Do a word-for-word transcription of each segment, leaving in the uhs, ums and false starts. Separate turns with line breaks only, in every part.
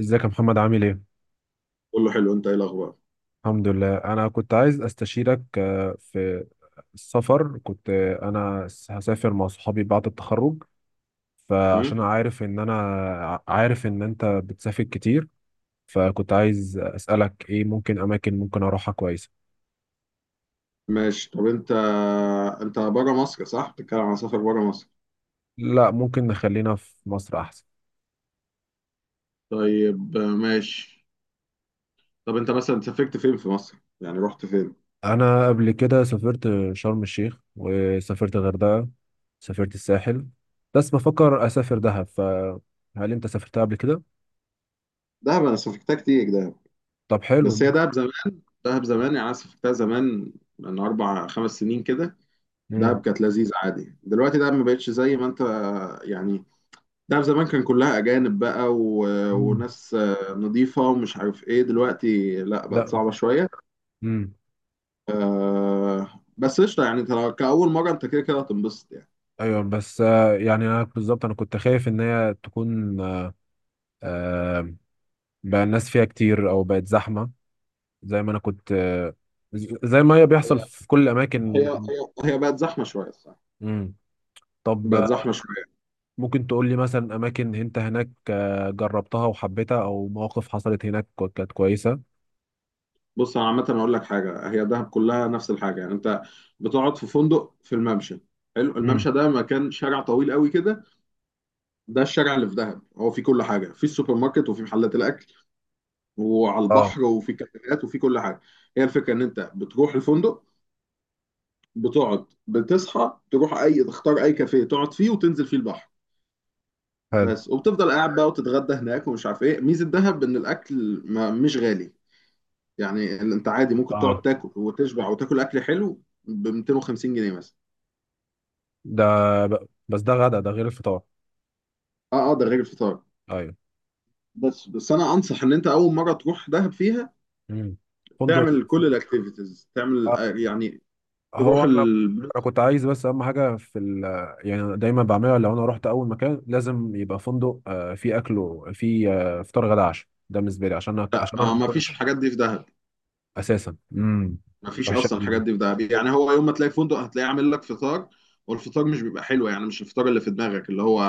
ازيك يا محمد عامل ايه؟
كله حلو. انت ايه الاخبار؟
الحمد لله، انا كنت عايز استشيرك آه، في السفر. كنت آه، انا س- هسافر مع صحابي بعد التخرج.
مم؟
فعشان عارف ان انا ع- عارف ان انت بتسافر كتير، فكنت عايز اسالك ايه ممكن اماكن ممكن اروحها كويسة.
ماشي، طب انت، انت بره مصر، صح؟ بتتكلم عن سفر بره مصر؟
لا، ممكن نخلينا في مصر احسن.
طيب، آه، ماشي. طب انت مثلا سافرت فين في مصر؟ يعني رحت فين؟
انا قبل كده سافرت شرم الشيخ، وسافرت الغردقة، سافرت الساحل، بس بفكر اسافر دهب. فهل انت سافرتها قبل كده؟
دهب، انا سافرتها كتير دهب.
طب حلو.
بس هي دهب زمان. دهب زمان، يعني انا سافرتها زمان من اربع خمس سنين كده.
ممكن.
دهب كانت لذيذه عادي. دلوقتي دهب ما بقتش زي ما انت، آه، يعني دهب زمان كان كلها اجانب بقى و...
مم.
وناس آه، نضيفه ومش عارف ايه. دلوقتي لا، بقت
لا.
صعبه شويه.
امم.
آه، بس قشطه يعني، انت لو- كأول مرة انت كده كده هتنبسط يعني.
ايوه، بس آه، يعني انا بالظبط انا كنت خايف ان هي تكون آه، بقى الناس فيها كتير او بقت زحمه، زي ما انا كنت آه، ز- زي ما هي بيحصل في كل
هي
الاماكن.
هي هي بقت زحمة شوية، الصراحة.
امم. طب
بقت
آه،
زحمة شوية.
ممكن تقول لي مثلا اماكن انت هناك آه، جربتها وحبيتها، او مواقف حصلت هناك كو- كانت كويسه.
بص، انا عامة اقول لك حاجة، هي دهب كلها نفس الحاجة، يعني انت بتقعد في فندق في الممشى. حلو،
مم.
الممشى ده مكان، شارع طويل قوي كده. ده الشارع اللي في دهب، هو فيه كل حاجة، فيه السوبر ماركت وفيه محلات الاكل وعلى
اه.
البحر وفيه كافيهات وفيه كل حاجة. هي الفكرة ان انت بتروح الفندق، بتقعد، بتصحى تروح، اي تختار اي كافيه تقعد فيه وتنزل فيه البحر.
حلو.
بس، وبتفضل قاعد بقى وتتغدى هناك ومش عارف ايه. ميزه دهب ان الاكل ما مش غالي، يعني ال- انت عادي ممكن تقعد
اه.
تاكل وتشبع وتاكل اكل حلو ب مئتين وخمسين جنيه مثلا.
ده ب- بس ده غدا ده غير الفطار.
اه، اه، ده غير الفطار.
ايوه.
بس بس انا انصح ان انت اول مره تروح دهب فيها
امم. فندق.
تعمل كل الاكتيفيتيز، تعمل،
آه،
آه، يعني
هو
تروح
انا
ال...
انا كنت عايز، بس اهم حاجه في ال، يعني أنا دايما بعملها لو انا رحت اول مكان لازم يبقى فندق آه، فيه اكل، وفيه آه، فطار غدا عشاء، ده بالنسبه لي عشان أك- عشان انا
آه
ما
ما فيش
كنتش
الحاجات دي في دهب.
اساسا. امم.
مفيش
وحشه
اصلا
أوي
الحاجات
دي.
دي في دهب، يعني هو يوم ما تلاقي فندق هتلاقيه عامل لك فطار، والفطار مش بيبقى حلو، يعني مش الفطار اللي في دماغك اللي هو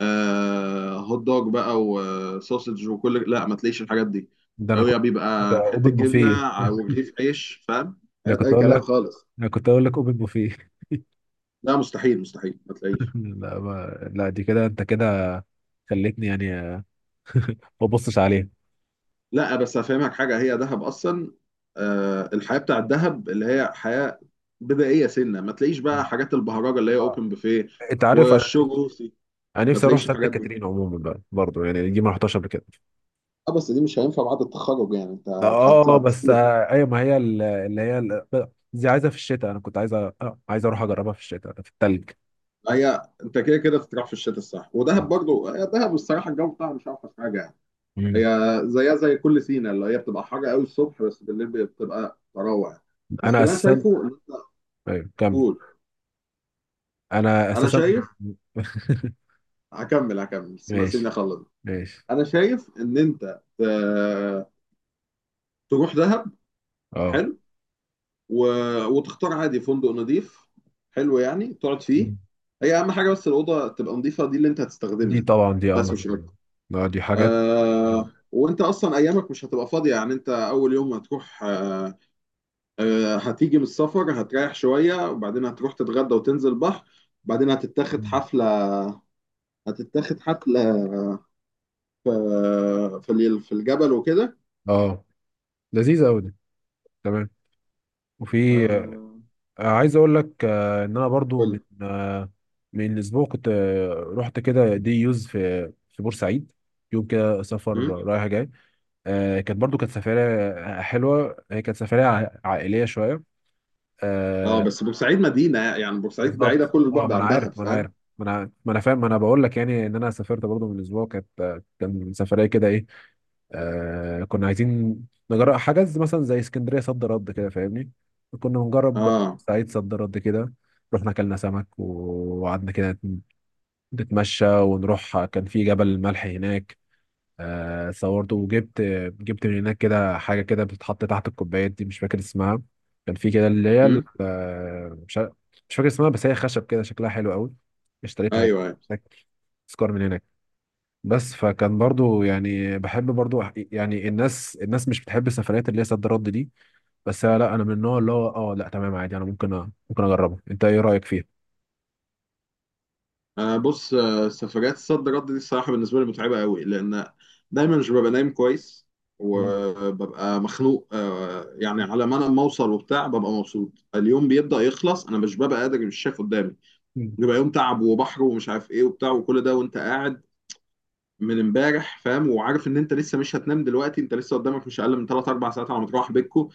آه هوت دوج بقى وسوسج وكل لا، ما تلاقيش الحاجات دي.
ده انا
هو
كنت.
بيبقى
اوبن
حته جبنه
بوفيه.
ع- ورغيف عيش، فاهم.
انا
حاجات
كنت
اي
اقول
كلام
لك.
خالص.
انا كنت اقول لك اوبن بوفيه.
لا، مستحيل، مستحيل، ما تلاقيش.
لا ما... لا، دي كده، انت كده خليتني يعني آه، ما ابصش عليها.
لا بس هفهمك حاجه، هي دهب اصلا، آه الحياه بتاعت دهب اللي هي حياه بدائيه. سنه ما تلاقيش بقى حاجات البهرجه اللي هي
آه.
اوبن بوفيه
انت عارف انا.
والشو روسي.
انا
ما
نفسي اروح
تلاقيش
سانت
الحاجات دي.
كاترين عموما بقى برضه، يعني دي ما رحتهاش قبل كده.
اه، بس دي مش هينفع بعد التخرج، يعني انت
ده اه،
هتطلع
بس
تسيح.
آه، ايوه، ما هي ال- اللي هي ال- دي عايزه في الشتاء، انا كنت عايزه آه، عايز اروح اجربها في الشتاء في التلج.
هي انت كده كده تروح في الشتاء، الصح ودهب برضو، هي دهب الصراحه الجو بتاعها مش اوحش حاجه يعني. هي
مم.
زيها زي كل سينا اللي هي بتبقى حر قوي الصبح، بس بالليل بتبقى تروع. بس
انا
اللي انا
اساسا.
شايفه ان انت.
ايوه، كمل.
قول.
انا
انا
اساسا.
شايف. هكمل، هكمل، اسمع- سيبني
ماشي.
اخلص.
ماشي.
انا شايف ان انت، آه، تروح دهب.
اه.
حلو. و... وتختار عادي فندق نظيف. حلو، يعني تقعد
مم.
فيه. هي اهم حاجه بس الاوضه تبقى نظيفه، دي اللي انت
دي
هتستخدمها.
طبعا دي اهم
بس
حاجه.
مش
اه.
اكتر.
لا، دي حاجات.
آه وانت اصلا ايامك مش هتبقى فاضيه، يعني انت اول يوم هتروح. آه آه هتيجي من السفر، هتريح شويه وبعدين هتروح تتغدى وتنزل بحر، بعدين هتتاخد
مم.
حفله. هتتاخد حفله في في ال- في الجبل وكده.
اه، لذيذه قوي دي. تمام. وفي آه،
آه،
عايز اقول لك آه، ان انا برضو
قول
من
لي.
آه، من اسبوع كنت آه، رحت كده دي يوز في في بورسعيد، يوم كده سفر
م؟
رايح جاي. آه، كانت برضو كانت سفرية آه، حلوة، هي كانت سفرية ع- عائلية شوية.
اه،
آه،
بس بورسعيد مدينه، يعني بورسعيد بعيده
بالظبط.
كل
اه،
البعد
ما انا
عن دهب،
عارف، ما انا عارف.
فاهم.
ما انا ما انا فاهم، ما انا بقول لك يعني ان انا سافرت برضو من اسبوع، كانت آه، كان سفرية كده ايه. آه كنا عايزين نجرب حاجات زي- مثلا زي اسكندريه صد رد كده، فاهمني؟ كنا بنجرب
اه،
سعيد صد رد كده. رحنا اكلنا سمك و- وقعدنا كده نت- نتمشى ونروح. كان في جبل الملح هناك. آه صورت وجبت جبت من هناك كده حاجه كده بتتحط تحت الكوبايات دي، مش فاكر اسمها. كان في كده اللي هي ال- آه، مش عارف- مش فاكر اسمها، بس هي خشب كده، شكلها حلو قوي. اشتريتها
ايوه.
هناك، تذكار من هناك. بس فكان برضو يعني بحب برضو أح- يعني الناس، الناس مش بتحب السفريات اللي هي سد رد دي، بس أنا لا، انا من النوع اللي هو اه، لا تمام عادي، انا ممكن أ... ممكن اجربها. انت ايه رايك فيها؟
انا بص، آه، سفريات الصد رد دي الصراحه بالنسبه لي متعبه قوي لان دايما مش ببقى نايم كويس.
مم.
وببقى مخنوق، آه، يعني على ما انا ما اوصل وبتاع ببقى مبسوط، اليوم بيبدا يخلص، انا مش ببقى قادر، مش شايف قدامي.
مم.
بيبقى يوم تعب وبحر ومش عارف ايه وبتاع، وكل ده وانت قاعد من امبارح، فاهم، وعارف ان انت لسه مش هتنام دلوقتي، انت لسه قدامك مش اقل من ثلاث اربع ساعات على ما تروح بيتكو،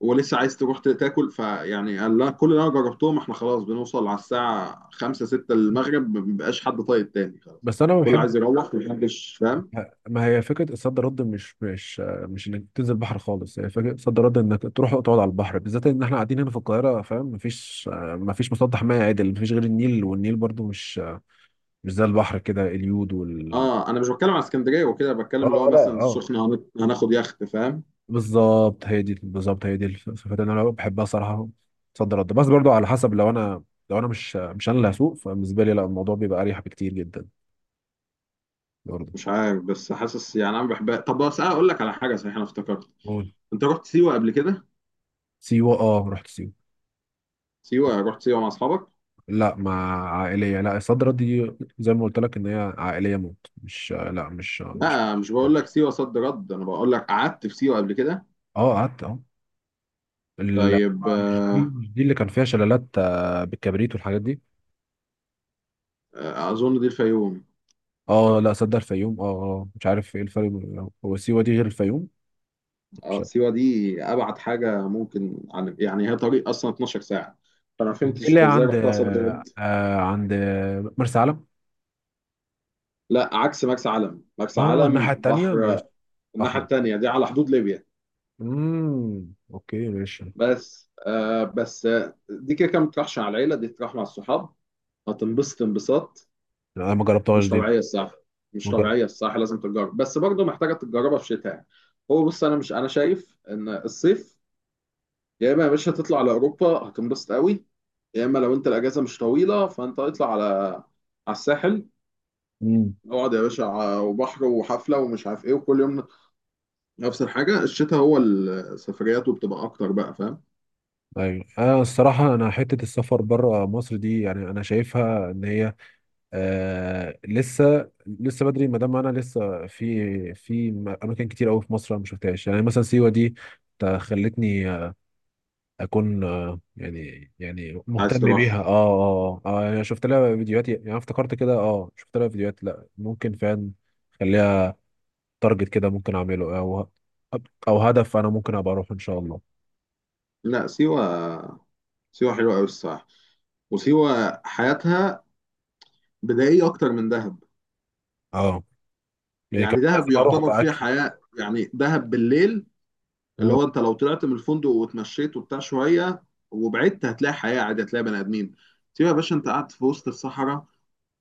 ولسه عايز تروح تاكل، فيعني قال لا، كل اللي انا جربتهم احنا خلاص بنوصل على الساعه خمسة ستة المغرب، ما بيبقاش حد طايق تاني، خلاص.
بس انا ما
كله
بحب.
عايز يروح، محدش فاهم.
ما هي فكره الصد رد مش مش مش انك تنزل بحر خالص. هي فكره الصد رد انك تروح تقعد على البحر، بالذات ان احنا قاعدين هنا في القاهره، فاهم؟ مفيش مفيش مسطح ميه عدل، مفيش غير النيل، والنيل برضو مش، مش زي البحر كده، اليود وال.
اه، انا مش بتكلم على اسكندريه وكده، بتكلم
اه،
اللي هو
آه، لا،
مثلا
اه،
السخنه، هن- هناخد يخت، فاهم.
بالظبط هي دي، بالظبط هي دي الصفات اللي انا بحبها صراحه في صد رد. بس برضو على حسب، لو انا لو انا مش مش انا اللي هسوق، فبالنسبه لي لا، الموضوع بيبقى اريح بكتير جدا برضو.
مش عارف بس حاسس، يعني انا بحبها. طب بس أنا اقول لك على حاجه، صحيح انا افتكرت،
قول.
انت رحت سيوه قبل كده؟
سيوه، اه، رحت سيوه.
سيوه، رحت سيوه مع اصحابك؟
لا، مع عائليه. لا، صد رد دي زي ما قلت لك ان هي عائليه موت، مش، لا مش مش.
لا، مش بقول لك سيوه صد رد، انا بقول لك قعدت في سيوه قبل كده؟
اه، قعدت، اه. لا.
طيب،
مش دي،
آه.
مش دي اللي كان فيها شلالات آه، بالكبريت والحاجات دي.
آه، اظن دي الفيوم.
اه، لا، صدق، الفيوم. اه، آه، مش عارف ايه الفرق بين- هو سيوه دي غير الفيوم؟
اه، سيوة دي ابعد حاجة ممكن عن، يعني هي طريق اصلا اتناشر ساعة، فانا ما
مش دي اللي
فهمتش
هي
ازاي
عند،
رحتها صد رد.
آه عند مرسى علم؟
لا، عكس مرسى علم، مرسى
اه، الناحية
علم
التانية،
بحر.
مش
الناحية
أحمر.
التانية دي على حدود ليبيا.
امم. اوكي ماشي.
بس آه بس آه دي كده كده ما بتروحش مع العيلة، دي تروح مع الصحاب، هتنبسط انبساط.
لا، انا ما جربتهاش
مش
دي.
طبيعية الصراحة. مش
ما جربت.
طبيعية الصراحة، لازم تتجرب، بس برضه محتاجة تتجربها في شتاء. هو بص، انا مش انا شايف ان الصيف، يا اما يا باشا تطلع على اوروبا هتنبسط قوي، يا اما لو انت الاجازه مش طويله فانت اطلع على على الساحل.
امم.
اقعد يا باشا، ع- وبحر وحفله ومش عارف ايه وكل يوم نفس الحاجه. الشتاء هو السفريات، وبتبقى اكتر بقى، فاهم.
ايوه، انا الصراحه انا حته السفر بره مصر دي يعني انا شايفها ان هي آه لسه، لسه بدري، ما دام انا لسه في في اماكن كتير قوي في مصر انا ما شفتهاش، يعني مثلا سيوه دي تا- خلتني اكون آه، يعني يعني
عايز
مهتم بيها.
تروح.
اه، اه اه انا شفت لها فيديوهات، يعني أنا افتكرت كده، اه شفت لها فيديوهات، لا ممكن فعلا خليها تارجت كده، ممكن اعمله او او هدف، انا ممكن ابقى اروح ان شاء الله.
لا، سيوه. سيوه حلوه قوي الصراحه. وسيوه حياتها بدائيه اكتر من دهب.
اه، يعني كان
يعني
لازم
دهب
اروح
يعتبر فيها
باكل.
حياه، يعني دهب بالليل، اللي هو انت لو طلعت من الفندق واتمشيت وبتاع شويه وبعدت هتلاقي حياه عادي، هتلاقي بني ادمين. تيجي يا باشا، انت قاعد في وسط الصحراء،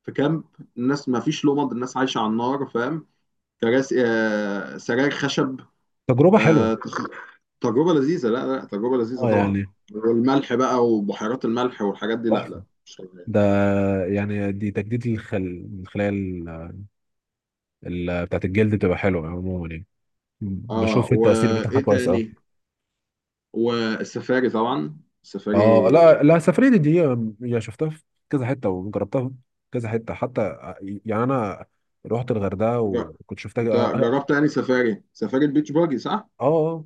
في كامب، الناس ما فيش لمض، الناس عايشه على النار، فاهم. كراسي، آه، سراير خشب.
تجربه حلوه.
آه، تخ- تجربه لذيذه. لا، لا، تجربه لذيذه
اه،
طبعا.
يعني.
والملح بقى وبحيرات الملح والحاجات دي، لا
تحفه.
لا مش طبيعي.
ده يعني دي تجديد الخل... الخلايا، ال... ال... بتاعت الجلد، بتبقى حلوه عموما يعني.
اه،
بشوف التاثير بتاعها
وايه
كويس
تاني،
قوي.
والسفاري، طبعا
اه، لا
السفاري.
لا، السفريه دي، دي يعني شفتها في كذا حته، وجربتها في كذا حته، حتى آه، يعني انا رحت الغردقه
جر-
وكنت شفتها،
انت
اه.
جربت يعني سفاري، سفاري البيتش باجي، صح؟
اه، آه.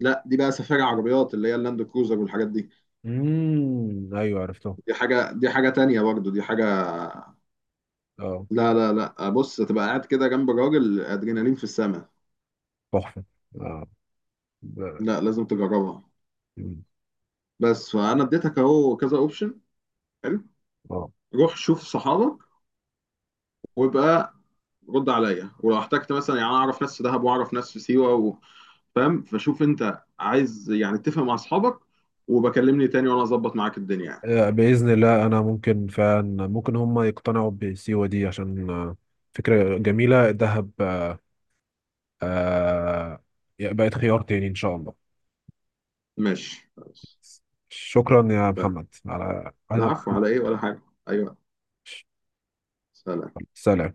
لا، دي بقى سفاري عربيات، اللي هي اللاند كروزر والحاجات دي.
امم، ايوه عرفته.
دي حاجة دي حاجة تانية برضه، دي حاجة.
اه.
لا، لا، لا، بص، تبقى قاعد كده جنب راجل ادرينالين في السماء.
تحفه. اه ب-
لا، لازم تجربها.
مم.
بس فانا اديتك اهو كذا اوبشن، حلو.
اه،
روح شوف صحابك وابقى رد عليا، ولو احتجت مثلا يعني انا اعرف ناس في دهب واعرف ناس في سيوة و- فاهم، فشوف انت عايز يعني، اتفق مع اصحابك وبكلمني تاني وانا اظبط معاك الدنيا يعني.
آه، باذن الله انا ممكن فعلا، ممكن هم يقتنعوا بسيوه دي عشان آه، فكره جميله. دهب آه آه، بقت خيار تاني ان شاء الله.
ماشي، خلاص.
شكرا يا
تمام.
محمد على على-
العفو، على ايه ولا حاجة. ايوه. سلام.
سلام.